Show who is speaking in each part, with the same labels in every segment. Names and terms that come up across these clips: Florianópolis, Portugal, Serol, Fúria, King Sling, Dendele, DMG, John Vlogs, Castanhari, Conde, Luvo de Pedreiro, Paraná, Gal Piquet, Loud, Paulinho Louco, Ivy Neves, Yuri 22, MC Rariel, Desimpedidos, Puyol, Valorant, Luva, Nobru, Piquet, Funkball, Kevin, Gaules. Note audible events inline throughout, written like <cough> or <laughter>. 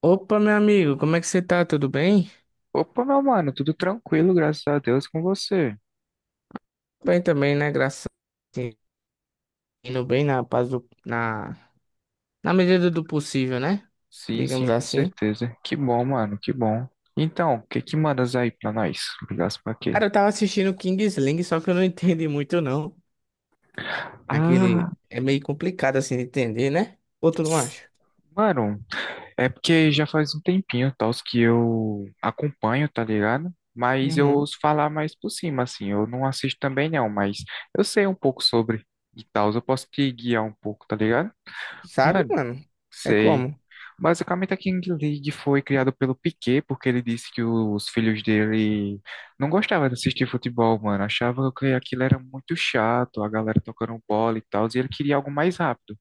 Speaker 1: Opa, meu amigo, como é que você tá? Tudo bem?
Speaker 2: Opa, meu mano, tudo tranquilo, graças a Deus com você.
Speaker 1: Bem também, né? Graças a Deus. Indo bem na paz na medida do possível, né?
Speaker 2: Sim, sim,
Speaker 1: Digamos
Speaker 2: com
Speaker 1: assim.
Speaker 2: certeza. Que bom, mano, que bom. Então, o que que mandas aí pra nós? Ligasse pra quê?
Speaker 1: Cara, eu tava assistindo King Sling, só que eu não <laughs> entendi muito, não.
Speaker 2: Ah,
Speaker 1: Aquele é meio complicado assim de entender, né? Ou tu não acha?
Speaker 2: mano, é porque já faz um tempinho, tal, que eu acompanho, tá ligado? Mas eu
Speaker 1: Uhum.
Speaker 2: ouço falar mais por cima, assim. Eu não assisto também não, mas eu sei um pouco sobre e tal. Eu posso te guiar um pouco, tá ligado?
Speaker 1: Sabe,
Speaker 2: Mano,
Speaker 1: mano? É
Speaker 2: sei.
Speaker 1: como?
Speaker 2: Basicamente, a King League foi criada pelo Piquet, porque ele disse que os filhos dele não gostavam de assistir futebol, mano. Achava que aquilo era muito chato, a galera tocando bola e tal, e ele queria algo mais rápido.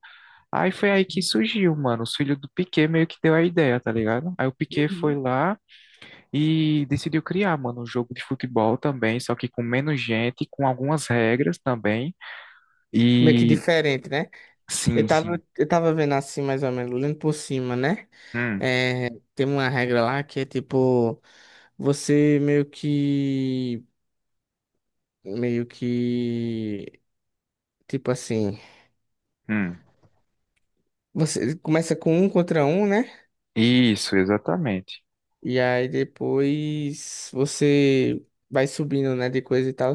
Speaker 2: Aí foi aí que surgiu, mano. Os filhos do Piquet meio que deu a ideia, tá ligado? Aí o Piquet foi
Speaker 1: Uhum.
Speaker 2: lá e decidiu criar, mano, um jogo de futebol também, só que com menos gente, com algumas regras também.
Speaker 1: Meio que
Speaker 2: E
Speaker 1: diferente, né? Eu
Speaker 2: sim, sim.
Speaker 1: tava, eu tava vendo assim, mais ou menos, lendo por cima, né?
Speaker 2: Hum,
Speaker 1: É, tem uma regra lá que é tipo, você meio que tipo assim,
Speaker 2: hum.
Speaker 1: você começa com um contra um, né?
Speaker 2: Isso, exatamente.
Speaker 1: E aí depois você vai subindo, né, de coisa e tal.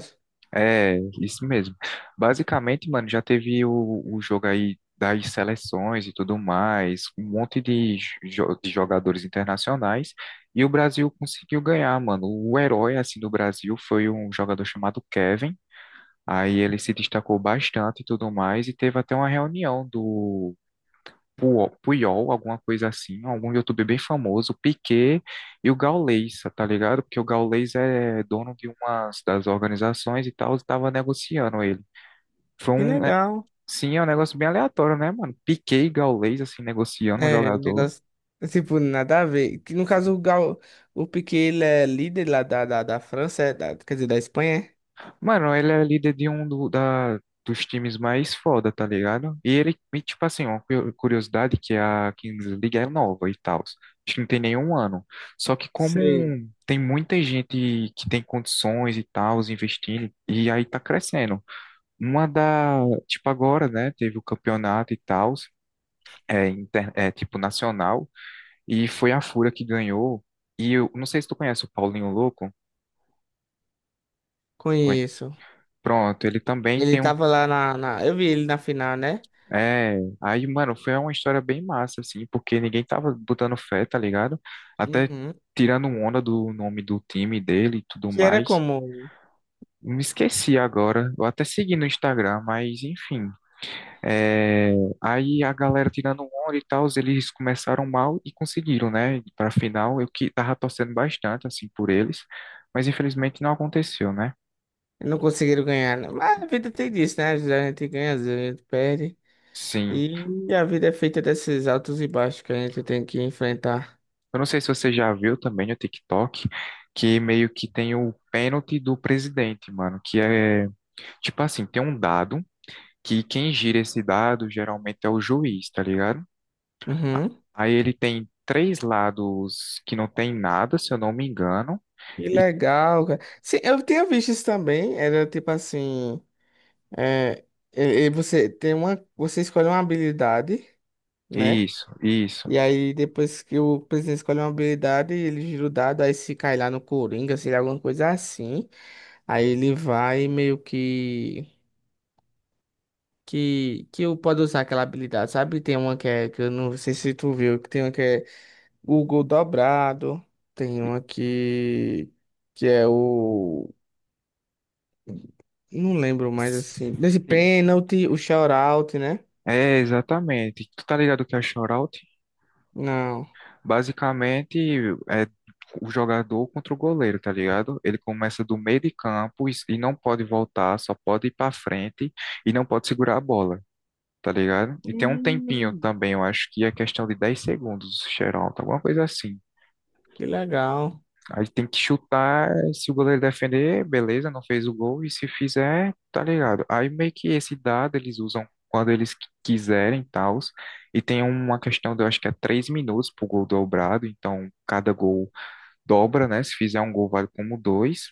Speaker 2: É, isso mesmo. Basicamente, mano, já teve o jogo aí das seleções e tudo mais, um monte de, de jogadores internacionais, e o Brasil conseguiu ganhar, mano. O herói, assim, do Brasil foi um jogador chamado Kevin, aí ele se destacou bastante e tudo mais, e teve até uma reunião do, Puyol, alguma coisa assim, algum youtuber bem famoso, Piquet e o Gaules, tá ligado? Porque o Gaules é dono de umas das organizações e tal, estava negociando ele. Foi
Speaker 1: Que
Speaker 2: um, é,
Speaker 1: legal.
Speaker 2: sim, é um negócio bem aleatório, né, mano? Piquet e Gaules, assim, negociando um
Speaker 1: É,
Speaker 2: jogador.
Speaker 1: negócio tipo nada a ver. Que no caso o Piquet ele é líder lá da França, quer dizer, da Espanha, é?
Speaker 2: Mano, ele é líder de um dos times mais foda, tá ligado? E ele, e, tipo assim, uma curiosidade, que é a Kings League é nova e tal. Acho que não tem nenhum ano. Só que como
Speaker 1: Sei.
Speaker 2: tem muita gente que tem condições e tal, investindo, e aí tá crescendo. Uma da, tipo agora, né, teve o campeonato e tal, é, é tipo nacional, e foi a Fúria que ganhou. E eu não sei se tu conhece o Paulinho Louco. Conhe-
Speaker 1: Conheço.
Speaker 2: Pronto, ele também
Speaker 1: Ele
Speaker 2: tem um.
Speaker 1: tava lá eu vi ele na final, né?
Speaker 2: É, aí, mano, foi uma história bem massa, assim, porque ninguém tava botando fé, tá ligado? Até
Speaker 1: Uhum.
Speaker 2: tirando onda do nome do time dele e tudo
Speaker 1: Que era
Speaker 2: mais.
Speaker 1: como?
Speaker 2: Me esqueci agora, eu até segui no Instagram, mas enfim. É, aí a galera tirando onda e tal, eles começaram mal e conseguiram, né? Pra final, eu que tava torcendo bastante, assim, por eles, mas infelizmente não aconteceu, né?
Speaker 1: Não conseguiram ganhar, né? Mas a vida tem disso, né? Às vezes a gente ganha, às vezes a gente perde.
Speaker 2: Sim.
Speaker 1: E a vida é feita desses altos e baixos que a gente tem que enfrentar.
Speaker 2: Eu não sei se você já viu também no TikTok que meio que tem o pênalti do presidente, mano, que é tipo assim, tem um dado que quem gira esse dado geralmente é o juiz, tá ligado?
Speaker 1: Uhum.
Speaker 2: Aí ele tem três lados que não tem nada, se eu não me engano.
Speaker 1: Que
Speaker 2: E
Speaker 1: legal, cara. Sim, eu tinha visto isso também. Era tipo assim. É, e você tem uma. Você escolhe uma habilidade, né?
Speaker 2: isso, isso.
Speaker 1: E aí, depois que o presidente escolhe uma habilidade, ele gira o dado, aí se cai lá no Coringa, se ele alguma coisa assim. Aí ele vai meio que eu pode usar aquela habilidade, sabe? Tem uma que é, que eu não sei se tu viu, que tem uma que é o gol dobrado, tem uma que é o, não lembro mais assim, desse
Speaker 2: Sim,
Speaker 1: pênalti, o shout-out, né?
Speaker 2: é exatamente. Tu tá ligado o que é shootout?
Speaker 1: Não.
Speaker 2: Basicamente, é o jogador contra o goleiro, tá ligado? Ele começa do meio de campo e não pode voltar, só pode ir para frente e não pode segurar a bola, tá ligado? E tem um tempinho
Speaker 1: Hum,
Speaker 2: também, eu acho que é questão de 10 segundos, xeralta, alguma coisa assim.
Speaker 1: que legal.
Speaker 2: Aí tem que chutar, se o goleiro defender, beleza, não fez o gol, e se fizer, tá ligado? Aí meio que esse dado eles usam quando eles quiserem, tals. E tem uma questão de, eu acho que é 3 minutos pro gol dobrado, então cada gol dobra, né? Se fizer um gol, vale como dois.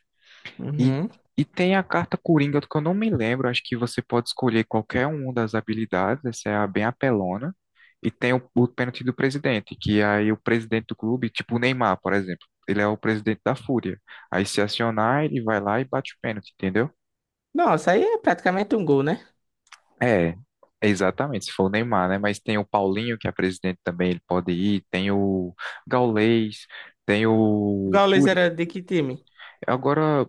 Speaker 2: E,
Speaker 1: Uhum.
Speaker 2: e tem a carta Coringa, que eu não me lembro. Acho que você pode escolher qualquer uma das habilidades. Essa é a bem apelona. E tem o pênalti do presidente, que é aí o presidente do clube, tipo o Neymar, por exemplo, ele é o presidente da Fúria. Aí se acionar, ele vai lá e bate o pênalti, entendeu?
Speaker 1: Nossa, aí é praticamente um gol, né?
Speaker 2: É, exatamente, se for o Neymar, né? Mas tem o Paulinho, que é presidente também, ele pode ir. Tem o Gaulês, tem
Speaker 1: O
Speaker 2: o
Speaker 1: Gaules
Speaker 2: Curi.
Speaker 1: era de que time?
Speaker 2: Agora,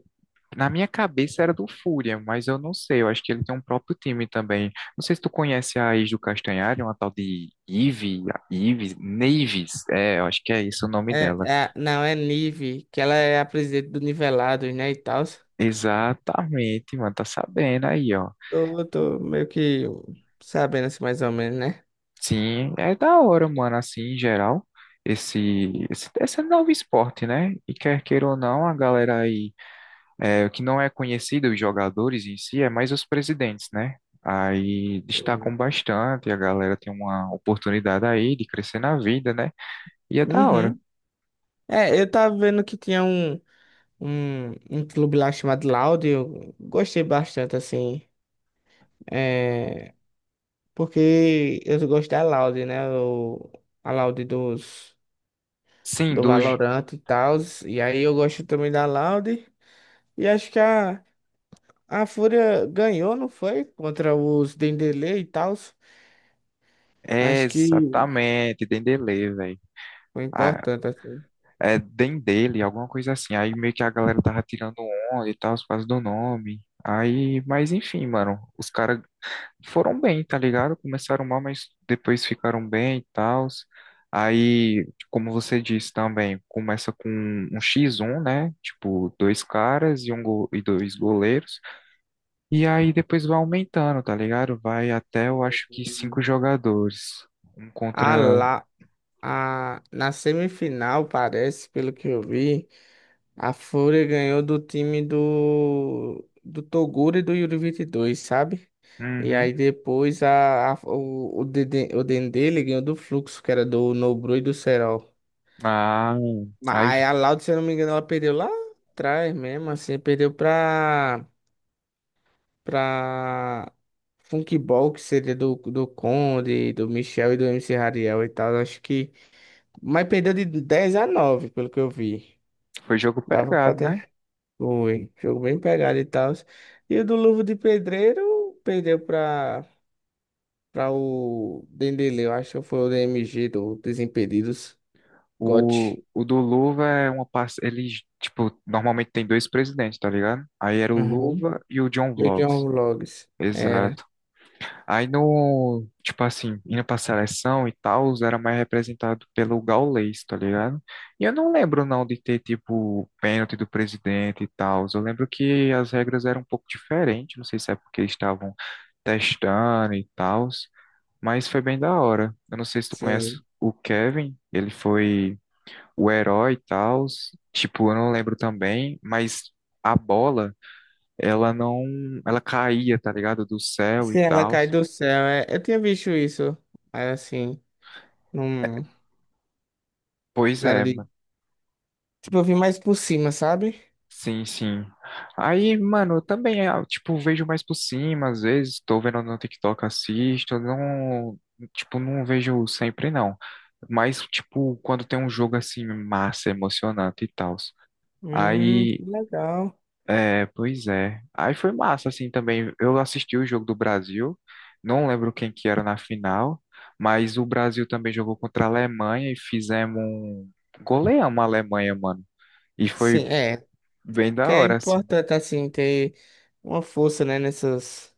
Speaker 2: na minha cabeça era do Fúria, mas eu não sei. Eu acho que ele tem um próprio time também. Não sei se tu conhece a ex do Castanhari, uma tal de Ivy, Neves. É, eu acho que é isso o nome
Speaker 1: É,
Speaker 2: dela.
Speaker 1: não, é Nive, que ela é a presidente do Nivelados, né, e tal.
Speaker 2: Exatamente, mano. Tá sabendo aí, ó.
Speaker 1: Tô meio que sabendo assim, mais ou menos, né?
Speaker 2: Sim, é da hora, mano, assim, em geral, esse novo esporte, né? E quer queira ou não, a galera aí. É, o que não é conhecido, os jogadores em si, é mais os presidentes, né? Aí destacam bastante, a galera tem uma oportunidade aí de crescer na vida, né? E é da hora.
Speaker 1: Uhum. É, eu tava vendo que tinha um clube lá chamado Loud, eu gostei bastante, assim, é, porque eu gosto da Loud, né, a Loud
Speaker 2: Sim,
Speaker 1: do
Speaker 2: dos...
Speaker 1: Valorant e tal, e aí eu gosto também da Loud, e acho que a Fúria ganhou, não foi? Contra os Dendele e tal,
Speaker 2: É
Speaker 1: acho que
Speaker 2: exatamente, Dendele, velho.
Speaker 1: foi
Speaker 2: Ah,
Speaker 1: importante, assim.
Speaker 2: é Dendele, alguma coisa assim. Aí meio que a galera tava tirando onda e tal, os pais do nome. Aí, mas enfim, mano, os caras foram bem, tá ligado? Começaram mal, mas depois ficaram bem e tal. Aí, como você disse também, começa com um X1, né? Tipo, dois caras e, e dois goleiros. E aí depois vai aumentando, tá ligado? Vai até, eu acho que cinco jogadores. Um contra.
Speaker 1: A, Na semifinal, parece, pelo que eu vi, a Fúria ganhou do time do Toguro e do Yuri 22, sabe? E
Speaker 2: Uhum.
Speaker 1: aí depois o Dendele ganhou do Fluxo, que era do Nobru e do Serol.
Speaker 2: Ah,
Speaker 1: Mas
Speaker 2: aí
Speaker 1: aí a Loud, se eu não me engano, ela perdeu lá atrás mesmo, assim, perdeu pra Funkball, que seria do Conde, do Michel e do MC Rariel e tal. Acho que. Mas perdeu de 10-9 pelo que eu vi.
Speaker 2: foi jogo
Speaker 1: Dava pra
Speaker 2: pegado, né?
Speaker 1: ter. Foi. Jogo bem pegado e tal. E o do Luvo de Pedreiro perdeu pra o Dendele. Eu acho que foi o DMG do Desimpedidos. GOT.
Speaker 2: O do Luva é uma parte. Ele, tipo, normalmente tem dois presidentes, tá ligado? Aí era o
Speaker 1: Uhum.
Speaker 2: Luva e o John
Speaker 1: E o John
Speaker 2: Vlogs.
Speaker 1: Vlogs. Era.
Speaker 2: Exato. Aí no, tipo assim, indo pra seleção e tal, era mais representado pelo Gaules, tá ligado? E eu não lembro não de ter, tipo, pênalti do presidente e tal. Eu lembro que as regras eram um pouco diferentes, não sei se é porque eles estavam testando e tal, mas foi bem da hora. Eu não sei se tu conhece
Speaker 1: Sim.
Speaker 2: o Kevin, ele foi o herói e tal. Tipo, eu não lembro também, mas a bola, ela não, ela caía, tá ligado? Do céu e
Speaker 1: Se ela
Speaker 2: tal.
Speaker 1: cai do céu. É. Eu tinha visto isso. Mas assim, não.
Speaker 2: Pois
Speaker 1: Nada
Speaker 2: é,
Speaker 1: de.
Speaker 2: mano.
Speaker 1: Tipo, eu vi mais por cima, sabe?
Speaker 2: Sim, sim. Aí, mano, eu também, ah, tipo, vejo mais por cima, às vezes, tô vendo no TikTok, assisto, não, tipo, não vejo sempre, não. Mas, tipo, quando tem um jogo, assim, massa, emocionante e tal. Aí,
Speaker 1: Que legal.
Speaker 2: é, pois é. Aí foi massa, assim, também. Eu assisti o jogo do Brasil, não lembro quem que era na final, mas o Brasil também jogou contra a Alemanha e fizemos um... Goleamos a Alemanha, mano. E
Speaker 1: Sim,
Speaker 2: foi
Speaker 1: é.
Speaker 2: bem
Speaker 1: Que
Speaker 2: da
Speaker 1: é
Speaker 2: hora, assim.
Speaker 1: importante, assim, ter uma força, né, nessas.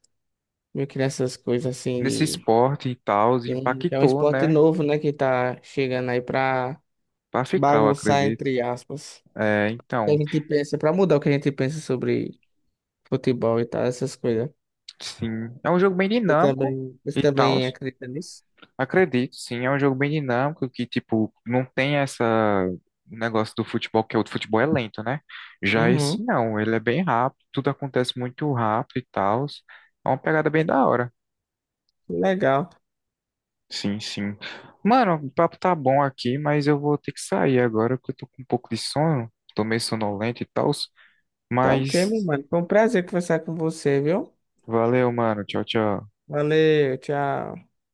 Speaker 1: Meio que nessas coisas assim
Speaker 2: Nesse
Speaker 1: de.
Speaker 2: esporte e tal,
Speaker 1: Sim, que é um
Speaker 2: impactou,
Speaker 1: esporte
Speaker 2: né?
Speaker 1: novo, né? Que tá chegando aí pra
Speaker 2: Pra ficar, eu
Speaker 1: bagunçar,
Speaker 2: acredito.
Speaker 1: entre aspas.
Speaker 2: É,
Speaker 1: Que a
Speaker 2: então,
Speaker 1: gente pensa, pra mudar o que a gente pensa sobre futebol e tal, essas coisas.
Speaker 2: sim, é um jogo bem
Speaker 1: Você
Speaker 2: dinâmico
Speaker 1: também, você
Speaker 2: e tal.
Speaker 1: também acredita nisso?
Speaker 2: Acredito, sim, é um jogo bem dinâmico que, tipo, não tem essa o negócio do futebol, que é o futebol é lento, né? Já esse
Speaker 1: Uhum,
Speaker 2: não, ele é bem rápido, tudo acontece muito rápido e tal. É uma pegada bem da hora.
Speaker 1: legal.
Speaker 2: Sim, sim. Mano, o papo tá bom aqui, mas eu vou ter que sair agora, porque eu tô com um pouco de sono, tô meio sonolento e tal.
Speaker 1: Tá ok, meu
Speaker 2: Mas
Speaker 1: mano. Foi um prazer conversar com você, viu?
Speaker 2: Valeu, mano. Tchau, tchau.
Speaker 1: Valeu, tchau.